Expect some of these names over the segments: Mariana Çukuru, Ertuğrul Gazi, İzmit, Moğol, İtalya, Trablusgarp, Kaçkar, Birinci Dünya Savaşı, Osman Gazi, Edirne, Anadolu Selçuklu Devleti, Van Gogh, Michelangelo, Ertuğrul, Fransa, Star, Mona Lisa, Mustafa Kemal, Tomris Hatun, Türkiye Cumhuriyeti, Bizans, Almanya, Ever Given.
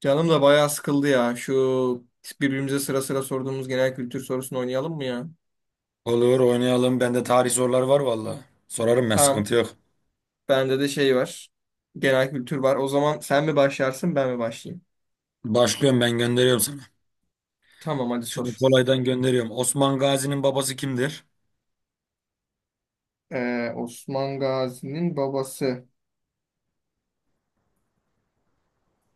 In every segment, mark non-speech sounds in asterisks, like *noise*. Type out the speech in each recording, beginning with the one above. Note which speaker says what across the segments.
Speaker 1: Canım da bayağı sıkıldı ya. Şu birbirimize sıra sıra sorduğumuz genel kültür sorusunu oynayalım mı ya?
Speaker 2: Olur oynayalım. Bende tarih soruları var valla. Sorarım ben
Speaker 1: Tamam.
Speaker 2: sıkıntı yok.
Speaker 1: Bende de şey var. Genel kültür var. O zaman sen mi başlarsın ben mi başlayayım?
Speaker 2: Başlıyorum ben gönderiyorum sana.
Speaker 1: Tamam, hadi
Speaker 2: Şöyle
Speaker 1: sor.
Speaker 2: kolaydan gönderiyorum. Osman Gazi'nin babası kimdir?
Speaker 1: Osman Gazi'nin babası.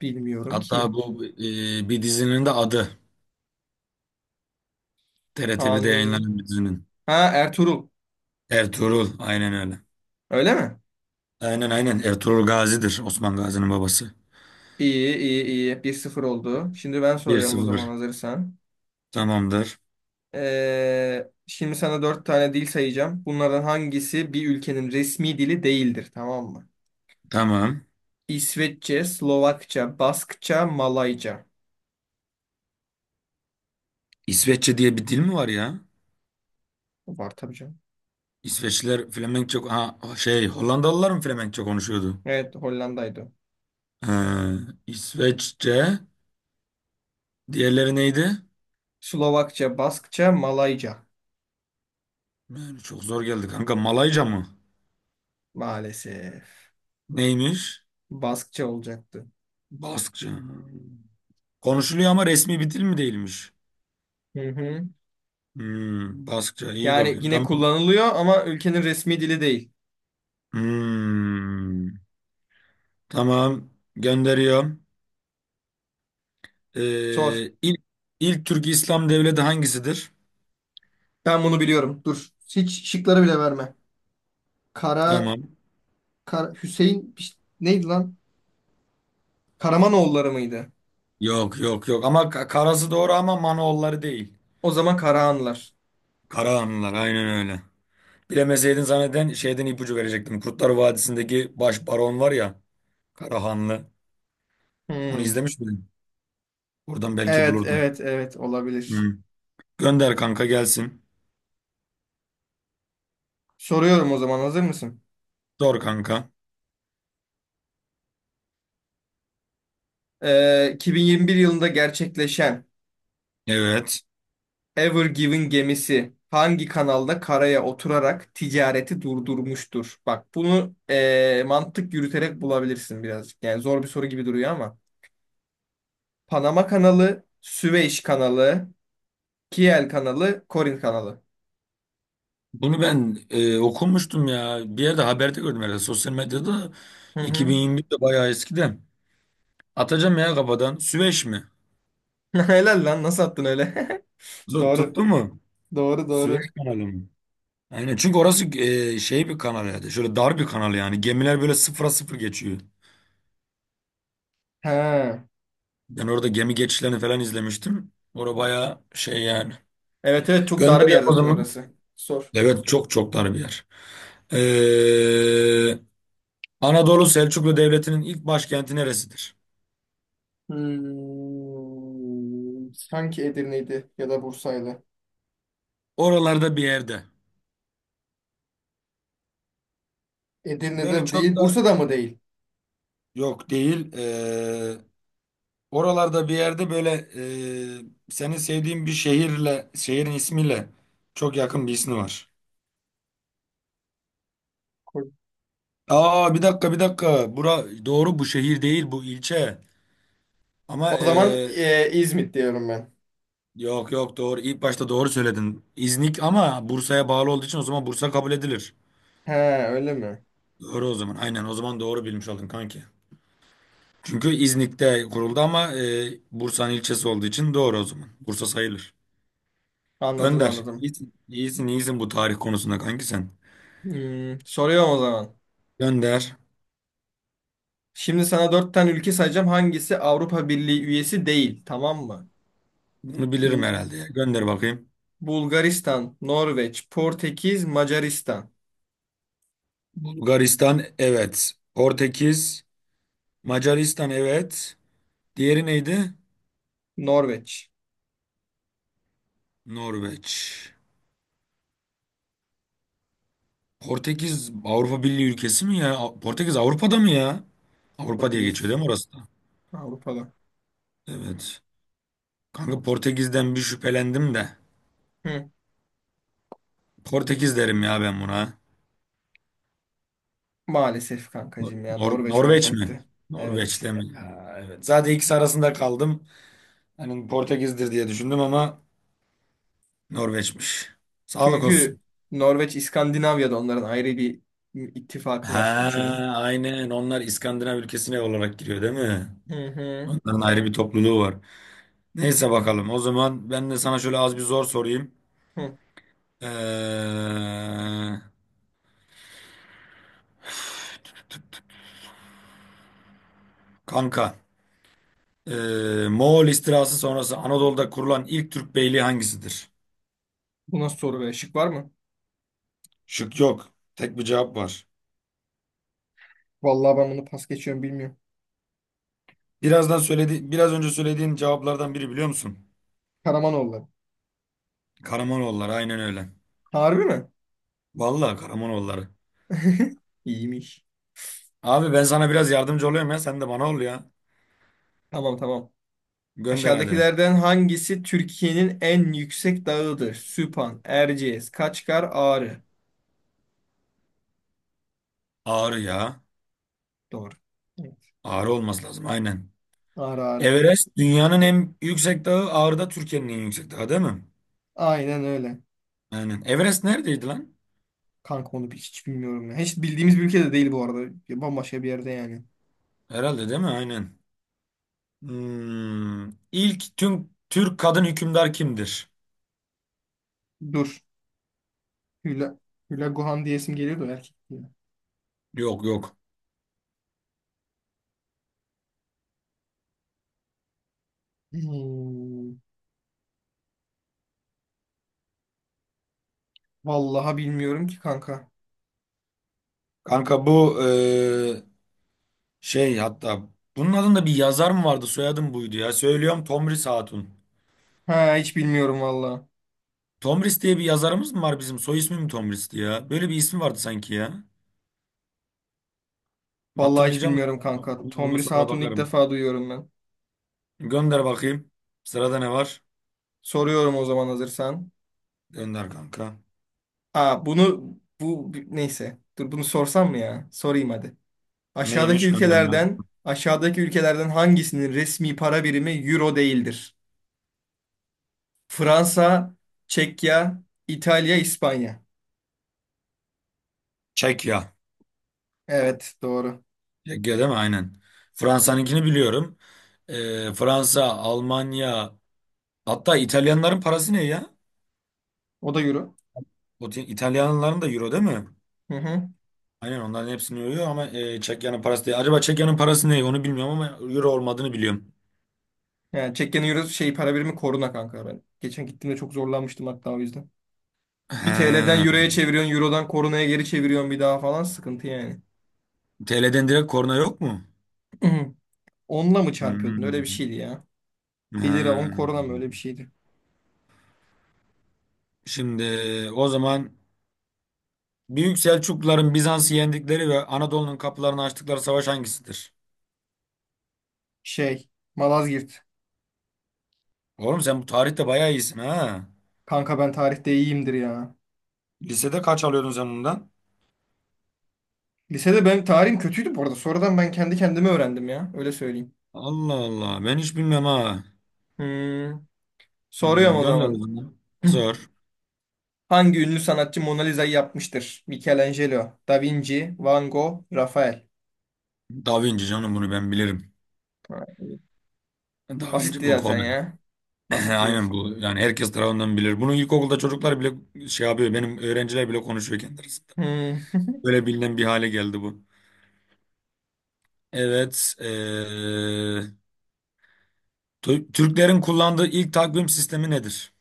Speaker 1: Bilmiyorum
Speaker 2: Hatta
Speaker 1: ki.
Speaker 2: bu bir dizinin de adı. TRT1'de
Speaker 1: Kanuni.
Speaker 2: yayınlanan bir dizinin.
Speaker 1: Ha, Ertuğrul.
Speaker 2: Ertuğrul. Aynen öyle.
Speaker 1: Öyle mi?
Speaker 2: Aynen aynen. Ertuğrul Gazi'dir Osman Gazi'nin babası.
Speaker 1: İyi iyi iyi. 1-0 oldu. Şimdi ben
Speaker 2: bir
Speaker 1: soruyorum o zaman
Speaker 2: sıfır
Speaker 1: hazırsan.
Speaker 2: Tamamdır.
Speaker 1: Şimdi sana 4 tane dil sayacağım. Bunlardan hangisi bir ülkenin resmi dili değildir? Tamam mı?
Speaker 2: Tamam.
Speaker 1: İsveççe, Slovakça, Baskça, Malayca.
Speaker 2: İsveççe diye bir dil mi var ya?
Speaker 1: Var tabii canım.
Speaker 2: İsveçliler Flemenkçe... Ha, şey, Hollandalılar mı Flemenkçe konuşuyordu?
Speaker 1: Evet, Hollanda'ydı.
Speaker 2: Ee, İsveççe... Diğerleri neydi?
Speaker 1: Slovakça, Baskça, Malayca.
Speaker 2: Yani çok zor geldi kanka. Malayca mı?
Speaker 1: Maalesef.
Speaker 2: Neymiş?
Speaker 1: Baskça olacaktı.
Speaker 2: Baskça. Konuşuluyor ama resmi bir dil mi değilmiş?
Speaker 1: Hı hı.
Speaker 2: Hmm, Baskça. İyi
Speaker 1: Yani
Speaker 2: bakayım.
Speaker 1: yine
Speaker 2: Tamam.
Speaker 1: kullanılıyor ama ülkenin resmi dili değil.
Speaker 2: Hmm, tamam. Gönderiyorum.
Speaker 1: Sor.
Speaker 2: İlk, ilk Türk İslam devleti hangisidir?
Speaker 1: Ben bunu biliyorum. Dur. Hiç şıkları bile verme. Kara,
Speaker 2: Tamam.
Speaker 1: Kara Hüseyin neydi lan? Karamanoğulları mıydı?
Speaker 2: Yok yok yok. Ama Karası doğru ama Manoğulları değil.
Speaker 1: O zaman Karahanlılar.
Speaker 2: Karahanlılar aynen öyle. Bilemeseydin zanneden şeyden ipucu verecektim. Kurtlar Vadisi'ndeki baş baron var ya. Karahanlı. Onu
Speaker 1: Hmm.
Speaker 2: izlemiş miydin? Oradan belki
Speaker 1: Evet,
Speaker 2: bulurdum.
Speaker 1: evet, evet, olabilir.
Speaker 2: Hı. Gönder kanka gelsin.
Speaker 1: Soruyorum o zaman hazır mısın?
Speaker 2: Sor kanka.
Speaker 1: 2021 yılında gerçekleşen
Speaker 2: Evet.
Speaker 1: Ever Given gemisi hangi kanalda karaya oturarak ticareti durdurmuştur? Bak bunu, mantık yürüterek bulabilirsin birazcık. Yani zor bir soru gibi duruyor ama. Panama kanalı, Süveyş kanalı, Kiel kanalı, Korin kanalı.
Speaker 2: Bunu ben okumuştum ya. Bir yerde haberde gördüm herhalde. Sosyal medyada
Speaker 1: Hı hı.
Speaker 2: 2021'de, bayağı eskiden. Atacağım ya kafadan. Süveyş mi?
Speaker 1: *laughs* Helal lan, nasıl attın öyle? *laughs* Doğru.
Speaker 2: Tuttu mu?
Speaker 1: Doğru
Speaker 2: Süveyş
Speaker 1: doğru.
Speaker 2: kanalı mı? Aynen, çünkü orası şey bir kanal yani. Şöyle dar bir kanal yani. Gemiler böyle sıfıra sıfır geçiyor.
Speaker 1: Ha.
Speaker 2: Ben orada gemi geçişlerini falan izlemiştim. Orada bayağı şey yani.
Speaker 1: Evet evet, çok dar bir
Speaker 2: Gönderiyor
Speaker 1: yer
Speaker 2: o
Speaker 1: zaten
Speaker 2: zaman.
Speaker 1: orası. Sor.
Speaker 2: Evet, çok çok dar bir yer. E, Anadolu Selçuklu Devleti'nin ilk başkenti neresidir?
Speaker 1: Hmm, sanki Edirne'ydi ya da Bursa'ydı.
Speaker 2: Oralarda bir yerde. Böyle
Speaker 1: Edirne'de
Speaker 2: çok
Speaker 1: değil,
Speaker 2: da
Speaker 1: Bursa'da mı değil?
Speaker 2: yok değil. Oralarda bir yerde böyle, senin sevdiğin bir şehirle, şehrin ismiyle çok yakın bir ismi var. Aa, bir dakika bir dakika. Bura doğru, bu şehir değil, bu ilçe. Ama
Speaker 1: O zaman İzmit diyorum ben.
Speaker 2: yok yok, doğru. İlk başta doğru söyledin. İznik, ama Bursa'ya bağlı olduğu için o zaman Bursa kabul edilir.
Speaker 1: He, öyle mi?
Speaker 2: Doğru o zaman. Aynen, o zaman doğru bilmiş oldun kanki. Çünkü İznik'te kuruldu ama Bursa'nın ilçesi olduğu için doğru o zaman. Bursa sayılır.
Speaker 1: Anladım
Speaker 2: Gönder.
Speaker 1: anladım.
Speaker 2: İyisin, iyisin, iyisin bu tarih konusunda kanki sen.
Speaker 1: Hmm, soruyorum o zaman.
Speaker 2: Gönder.
Speaker 1: Şimdi sana dört tane ülke sayacağım. Hangisi Avrupa Birliği üyesi değil? Tamam mı?
Speaker 2: Bunu bilirim
Speaker 1: N-
Speaker 2: herhalde ya. Gönder bakayım.
Speaker 1: Bulgaristan, Norveç, Portekiz, Macaristan.
Speaker 2: Bulgaristan, evet. Portekiz, Macaristan, evet. Diğeri neydi?
Speaker 1: Norveç.
Speaker 2: Norveç. Portekiz Avrupa Birliği ülkesi mi ya? Portekiz Avrupa'da mı ya? Avrupa diye geçiyor
Speaker 1: Portekiz
Speaker 2: değil mi orası da?
Speaker 1: Avrupa'da.
Speaker 2: Evet. Kanka, Portekiz'den bir şüphelendim de.
Speaker 1: Hı.
Speaker 2: Portekiz derim ya ben buna.
Speaker 1: Maalesef kankacığım ya, Norveç
Speaker 2: Norveç mi?
Speaker 1: olacaktı. Evet.
Speaker 2: Norveç'te mi? Ha, evet. Zaten ikisi arasında kaldım. Hani Portekiz'dir diye düşündüm, ama Norveç'miş. Sağlık
Speaker 1: Çünkü
Speaker 2: olsun.
Speaker 1: Norveç İskandinavya'da, onların ayrı bir ittifakı
Speaker 2: Ha,
Speaker 1: var üçünün.
Speaker 2: aynen. Onlar İskandinav ülkesine olarak giriyor değil mi?
Speaker 1: Hı hı.
Speaker 2: Onların ayrı bir topluluğu var. Neyse, bakalım. O zaman ben de sana şöyle az bir zor sorayım.
Speaker 1: Hı.
Speaker 2: Ee, kanka, ee, Moğol istilası sonrası Anadolu'da kurulan ilk Türk beyliği hangisidir?
Speaker 1: Bu nasıl soru be? Şık var mı?
Speaker 2: Şık yok. Tek bir cevap var.
Speaker 1: Vallahi ben bunu pas geçiyorum, bilmiyorum.
Speaker 2: Birazdan söyledi, biraz önce söylediğin cevaplardan biri, biliyor musun?
Speaker 1: Karamanoğulları.
Speaker 2: Karamanoğulları, aynen öyle.
Speaker 1: Harbi mi?
Speaker 2: Vallahi Karamanoğulları.
Speaker 1: *laughs* İyiymiş.
Speaker 2: Abi, ben sana biraz yardımcı oluyorum ya, sen de bana ol ya.
Speaker 1: Tamam tamam.
Speaker 2: Gönder hadi.
Speaker 1: Aşağıdakilerden hangisi Türkiye'nin en yüksek dağıdır? Süphan, Erciyes, Kaçkar, Ağrı.
Speaker 2: Ağrı ya.
Speaker 1: Doğru. Evet.
Speaker 2: Ağrı olması lazım, aynen.
Speaker 1: Ağrı Ağrı.
Speaker 2: Everest dünyanın en yüksek dağı, Ağrı da Türkiye'nin en yüksek dağı, değil mi?
Speaker 1: Aynen öyle.
Speaker 2: Aynen. Everest neredeydi lan?
Speaker 1: Kanka onu hiç bilmiyorum ya. Hiç bildiğimiz bir ülkede değil bu arada. Ya bambaşka bir yerde yani.
Speaker 2: Herhalde, değil mi? Aynen. Hmm. İlk tüm Türk kadın hükümdar kimdir?
Speaker 1: Dur. Hüla, Hüla Guhan diyesim geliyor da erkek diye.
Speaker 2: Yok yok.
Speaker 1: Hmm. Vallahi bilmiyorum ki kanka.
Speaker 2: Kanka bu, şey, hatta bunun adında bir yazar mı vardı, soyadım buydu ya. Söylüyorum, Tomris Hatun.
Speaker 1: Ha, hiç bilmiyorum vallahi.
Speaker 2: Tomris diye bir yazarımız mı var bizim? Soy ismi mi Tomris'ti ya? Böyle bir ismi vardı sanki ya.
Speaker 1: Vallahi hiç
Speaker 2: Hatırlayacağım da
Speaker 1: bilmiyorum
Speaker 2: *laughs*
Speaker 1: kanka.
Speaker 2: onu
Speaker 1: Tomris
Speaker 2: sonra
Speaker 1: Hatun'u ilk
Speaker 2: bakarım.
Speaker 1: defa duyuyorum ben.
Speaker 2: Gönder bakayım. Sırada ne var?
Speaker 1: Soruyorum o zaman hazırsan.
Speaker 2: Gönder kanka.
Speaker 1: Aa, bu neyse. Dur, bunu sorsam mı ya? Sorayım hadi. Aşağıdaki
Speaker 2: Neymiş, gönder.
Speaker 1: ülkelerden aşağıdaki ülkelerden hangisinin resmi para birimi euro değildir? Fransa, Çekya, İtalya, İspanya.
Speaker 2: Çekya.
Speaker 1: Evet, doğru.
Speaker 2: Çekya, değil mi? Aynen. Fransa'nınkini biliyorum. Fransa, Almanya, hatta İtalyanların parası ne ya?
Speaker 1: O da euro.
Speaker 2: O, İtalyanların da euro, değil mi?
Speaker 1: Hı hı.
Speaker 2: Aynen, onların hepsini yoruyor ama Çekya'nın parası değil. Acaba Çekya'nın parası ne? Onu bilmiyorum ama euro olmadığını biliyorum.
Speaker 1: Yani Çekya'nın euro şey para birimi koruna kanka ben. Geçen gittiğimde çok zorlanmıştım hatta o yüzden. Bir
Speaker 2: He.
Speaker 1: TL'den euroya çeviriyorsun, eurodan korunaya geri çeviriyorsun bir daha falan, sıkıntı yani.
Speaker 2: TL'den direkt korna yok mu?
Speaker 1: Hı. Onunla mı çarpıyordun? Öyle bir
Speaker 2: Hmm.
Speaker 1: şeydi ya. 1 lira 10
Speaker 2: Hmm.
Speaker 1: korona mı, öyle bir şeydi.
Speaker 2: Şimdi, o zaman, Büyük Selçukluların Bizans'ı yendikleri ve Anadolu'nun kapılarını açtıkları savaş hangisidir?
Speaker 1: Şey, Malazgirt.
Speaker 2: Oğlum, sen bu tarihte bayağı iyisin ha.
Speaker 1: Kanka ben tarihte iyiyimdir ya.
Speaker 2: Lisede kaç alıyordun sen bundan?
Speaker 1: Lisede ben tarihim kötüydü bu arada. Sonradan ben kendi kendime öğrendim ya. Öyle söyleyeyim.
Speaker 2: Allah Allah, ben hiç bilmem ha.
Speaker 1: Hmm. Soruyorum
Speaker 2: Hmm,
Speaker 1: o
Speaker 2: gönder o
Speaker 1: zaman.
Speaker 2: zaman. Zor.
Speaker 1: Hangi ünlü sanatçı Mona Lisa'yı yapmıştır? Michelangelo, Da Vinci, Van Gogh, Rafael.
Speaker 2: Da Vinci canım, bunu ben bilirim.
Speaker 1: Ha, iyi.
Speaker 2: Da Vinci,
Speaker 1: Basitti
Speaker 2: bu
Speaker 1: zaten
Speaker 2: kolay.
Speaker 1: ya.
Speaker 2: *laughs*
Speaker 1: Basitti
Speaker 2: Aynen
Speaker 1: zaten.
Speaker 2: bu. Yani herkes tarafından bilir. Bunu ilkokulda çocuklar bile şey yapıyor. Benim öğrenciler bile konuşuyor kendi arasında.
Speaker 1: Hmm.
Speaker 2: Böyle bilinen bir hale geldi bu. Evet. Türklerin kullandığı ilk takvim sistemi nedir?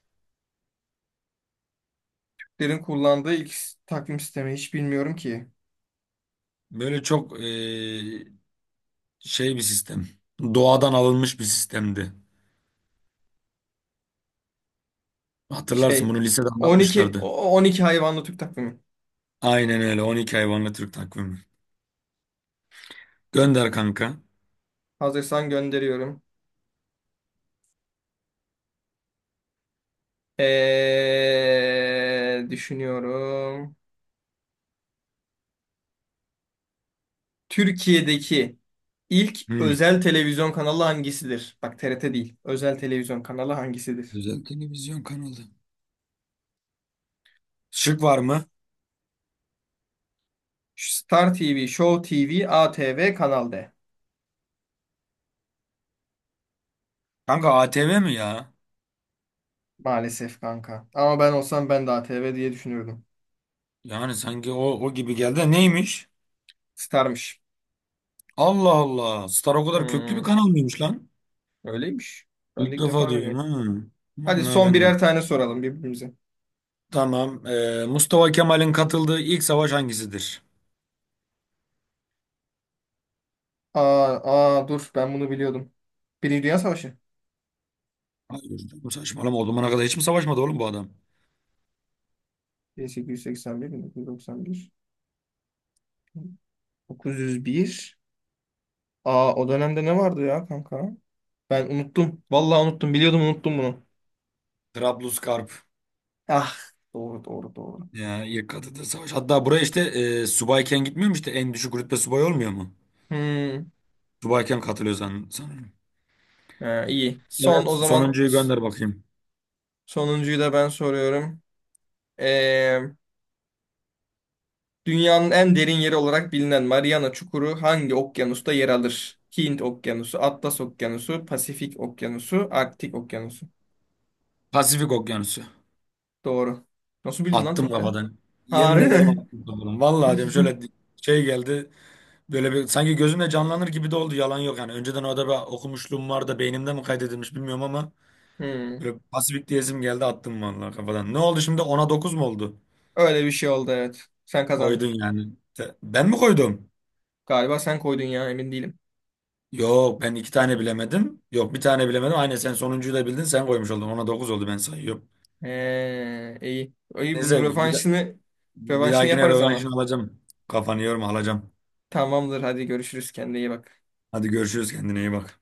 Speaker 1: *laughs* Derin kullandığı ilk takvim sistemi hiç bilmiyorum ki.
Speaker 2: Böyle çok şey bir sistem. Doğadan alınmış bir sistemdi. Hatırlarsın,
Speaker 1: Şey,
Speaker 2: bunu lisede
Speaker 1: on iki,
Speaker 2: anlatmışlardı.
Speaker 1: o- on iki hayvanlı Türk takvimi.
Speaker 2: Aynen öyle. 12 hayvanlı Türk takvimi. Gönder kanka.
Speaker 1: Hazırsan gönderiyorum. Düşünüyorum. Türkiye'deki ilk
Speaker 2: Hmm.
Speaker 1: özel televizyon kanalı hangisidir? Bak TRT değil. Özel televizyon kanalı hangisidir?
Speaker 2: Özel televizyon kanalı. Şık var mı?
Speaker 1: Star TV, Show TV, ATV, Kanal D.
Speaker 2: Kanka, ATV mi ya?
Speaker 1: Maalesef kanka. Ama ben olsam ben de ATV diye düşünürdüm.
Speaker 2: Yani sanki o gibi geldi de. Neymiş?
Speaker 1: Star'mış.
Speaker 2: Allah Allah. Star o kadar köklü bir
Speaker 1: Hmm,
Speaker 2: kanal mıymış lan?
Speaker 1: öyleymiş. Ben de
Speaker 2: İlk
Speaker 1: ilk defa
Speaker 2: defa duyuyorum
Speaker 1: öğreniyorum.
Speaker 2: ha.
Speaker 1: Hadi
Speaker 2: Vallahi
Speaker 1: son
Speaker 2: ben de.
Speaker 1: birer tane soralım birbirimize.
Speaker 2: Tamam. Mustafa Kemal'in katıldığı ilk savaş hangisidir?
Speaker 1: Aa, aa dur, ben bunu biliyordum. Birinci Dünya Savaşı.
Speaker 2: Hayır canım, saçmalama. O zamana kadar hiç mi savaşmadı oğlum bu adam?
Speaker 1: 1881-1991. 901. Aa, o dönemde ne vardı ya kanka? Ben unuttum. Vallahi unuttum. Biliyordum, unuttum bunu.
Speaker 2: Trablusgarp.
Speaker 1: Ah, doğru doğru doğru.
Speaker 2: Ya, ilk katıldığı savaş. Hatta buraya işte subayken gitmiyor mu işte? En düşük rütbe subay olmuyor mu?
Speaker 1: Hmm.
Speaker 2: Subayken katılıyor sanırım.
Speaker 1: Ha, iyi. Son
Speaker 2: Evet.
Speaker 1: o zaman
Speaker 2: Sonuncuyu gönder bakayım.
Speaker 1: sonuncuyu da ben soruyorum. Ee, Dünyanın en derin yeri olarak bilinen Mariana Çukuru hangi okyanusta yer alır? Hint Okyanusu, Atlas Okyanusu, Pasifik Okyanusu, Arktik Okyanusu.
Speaker 2: Pasifik Okyanusu.
Speaker 1: Doğru. Nasıl bildin lan
Speaker 2: Attım
Speaker 1: tekte?
Speaker 2: kafadan. Yemin
Speaker 1: Harbi
Speaker 2: ederim
Speaker 1: mi?
Speaker 2: attım kafadan. Vallahi diyorum,
Speaker 1: *laughs*
Speaker 2: şöyle şey geldi. Böyle bir sanki gözümle canlanır gibi de oldu. Yalan yok yani. Önceden orada bir okumuşluğum var da beynimde mi kaydedilmiş bilmiyorum ama
Speaker 1: Hmm.
Speaker 2: böyle pasifik diyesim geldi, attım vallahi kafadan. Ne oldu şimdi? 10-9 mu oldu?
Speaker 1: Öyle bir şey oldu, evet. Sen
Speaker 2: Koydun
Speaker 1: kazandın.
Speaker 2: yani. Ben mi koydum?
Speaker 1: Galiba sen koydun ya, emin değilim.
Speaker 2: Yok, ben iki tane bilemedim. Yok, bir tane bilemedim. Aynen, sen sonuncuyu da bildin, sen koymuş oldun. 10-9 oldu, ben sayıyorum.
Speaker 1: İyi. İyi bunun
Speaker 2: Neyse,
Speaker 1: rövanşını
Speaker 2: bir
Speaker 1: rövanşını
Speaker 2: dahakine
Speaker 1: yaparız ama.
Speaker 2: rövanşını alacağım. Kafanı yorma, alacağım.
Speaker 1: Tamamdır, hadi görüşürüz, kendine iyi bak.
Speaker 2: Hadi görüşürüz, kendine iyi bak.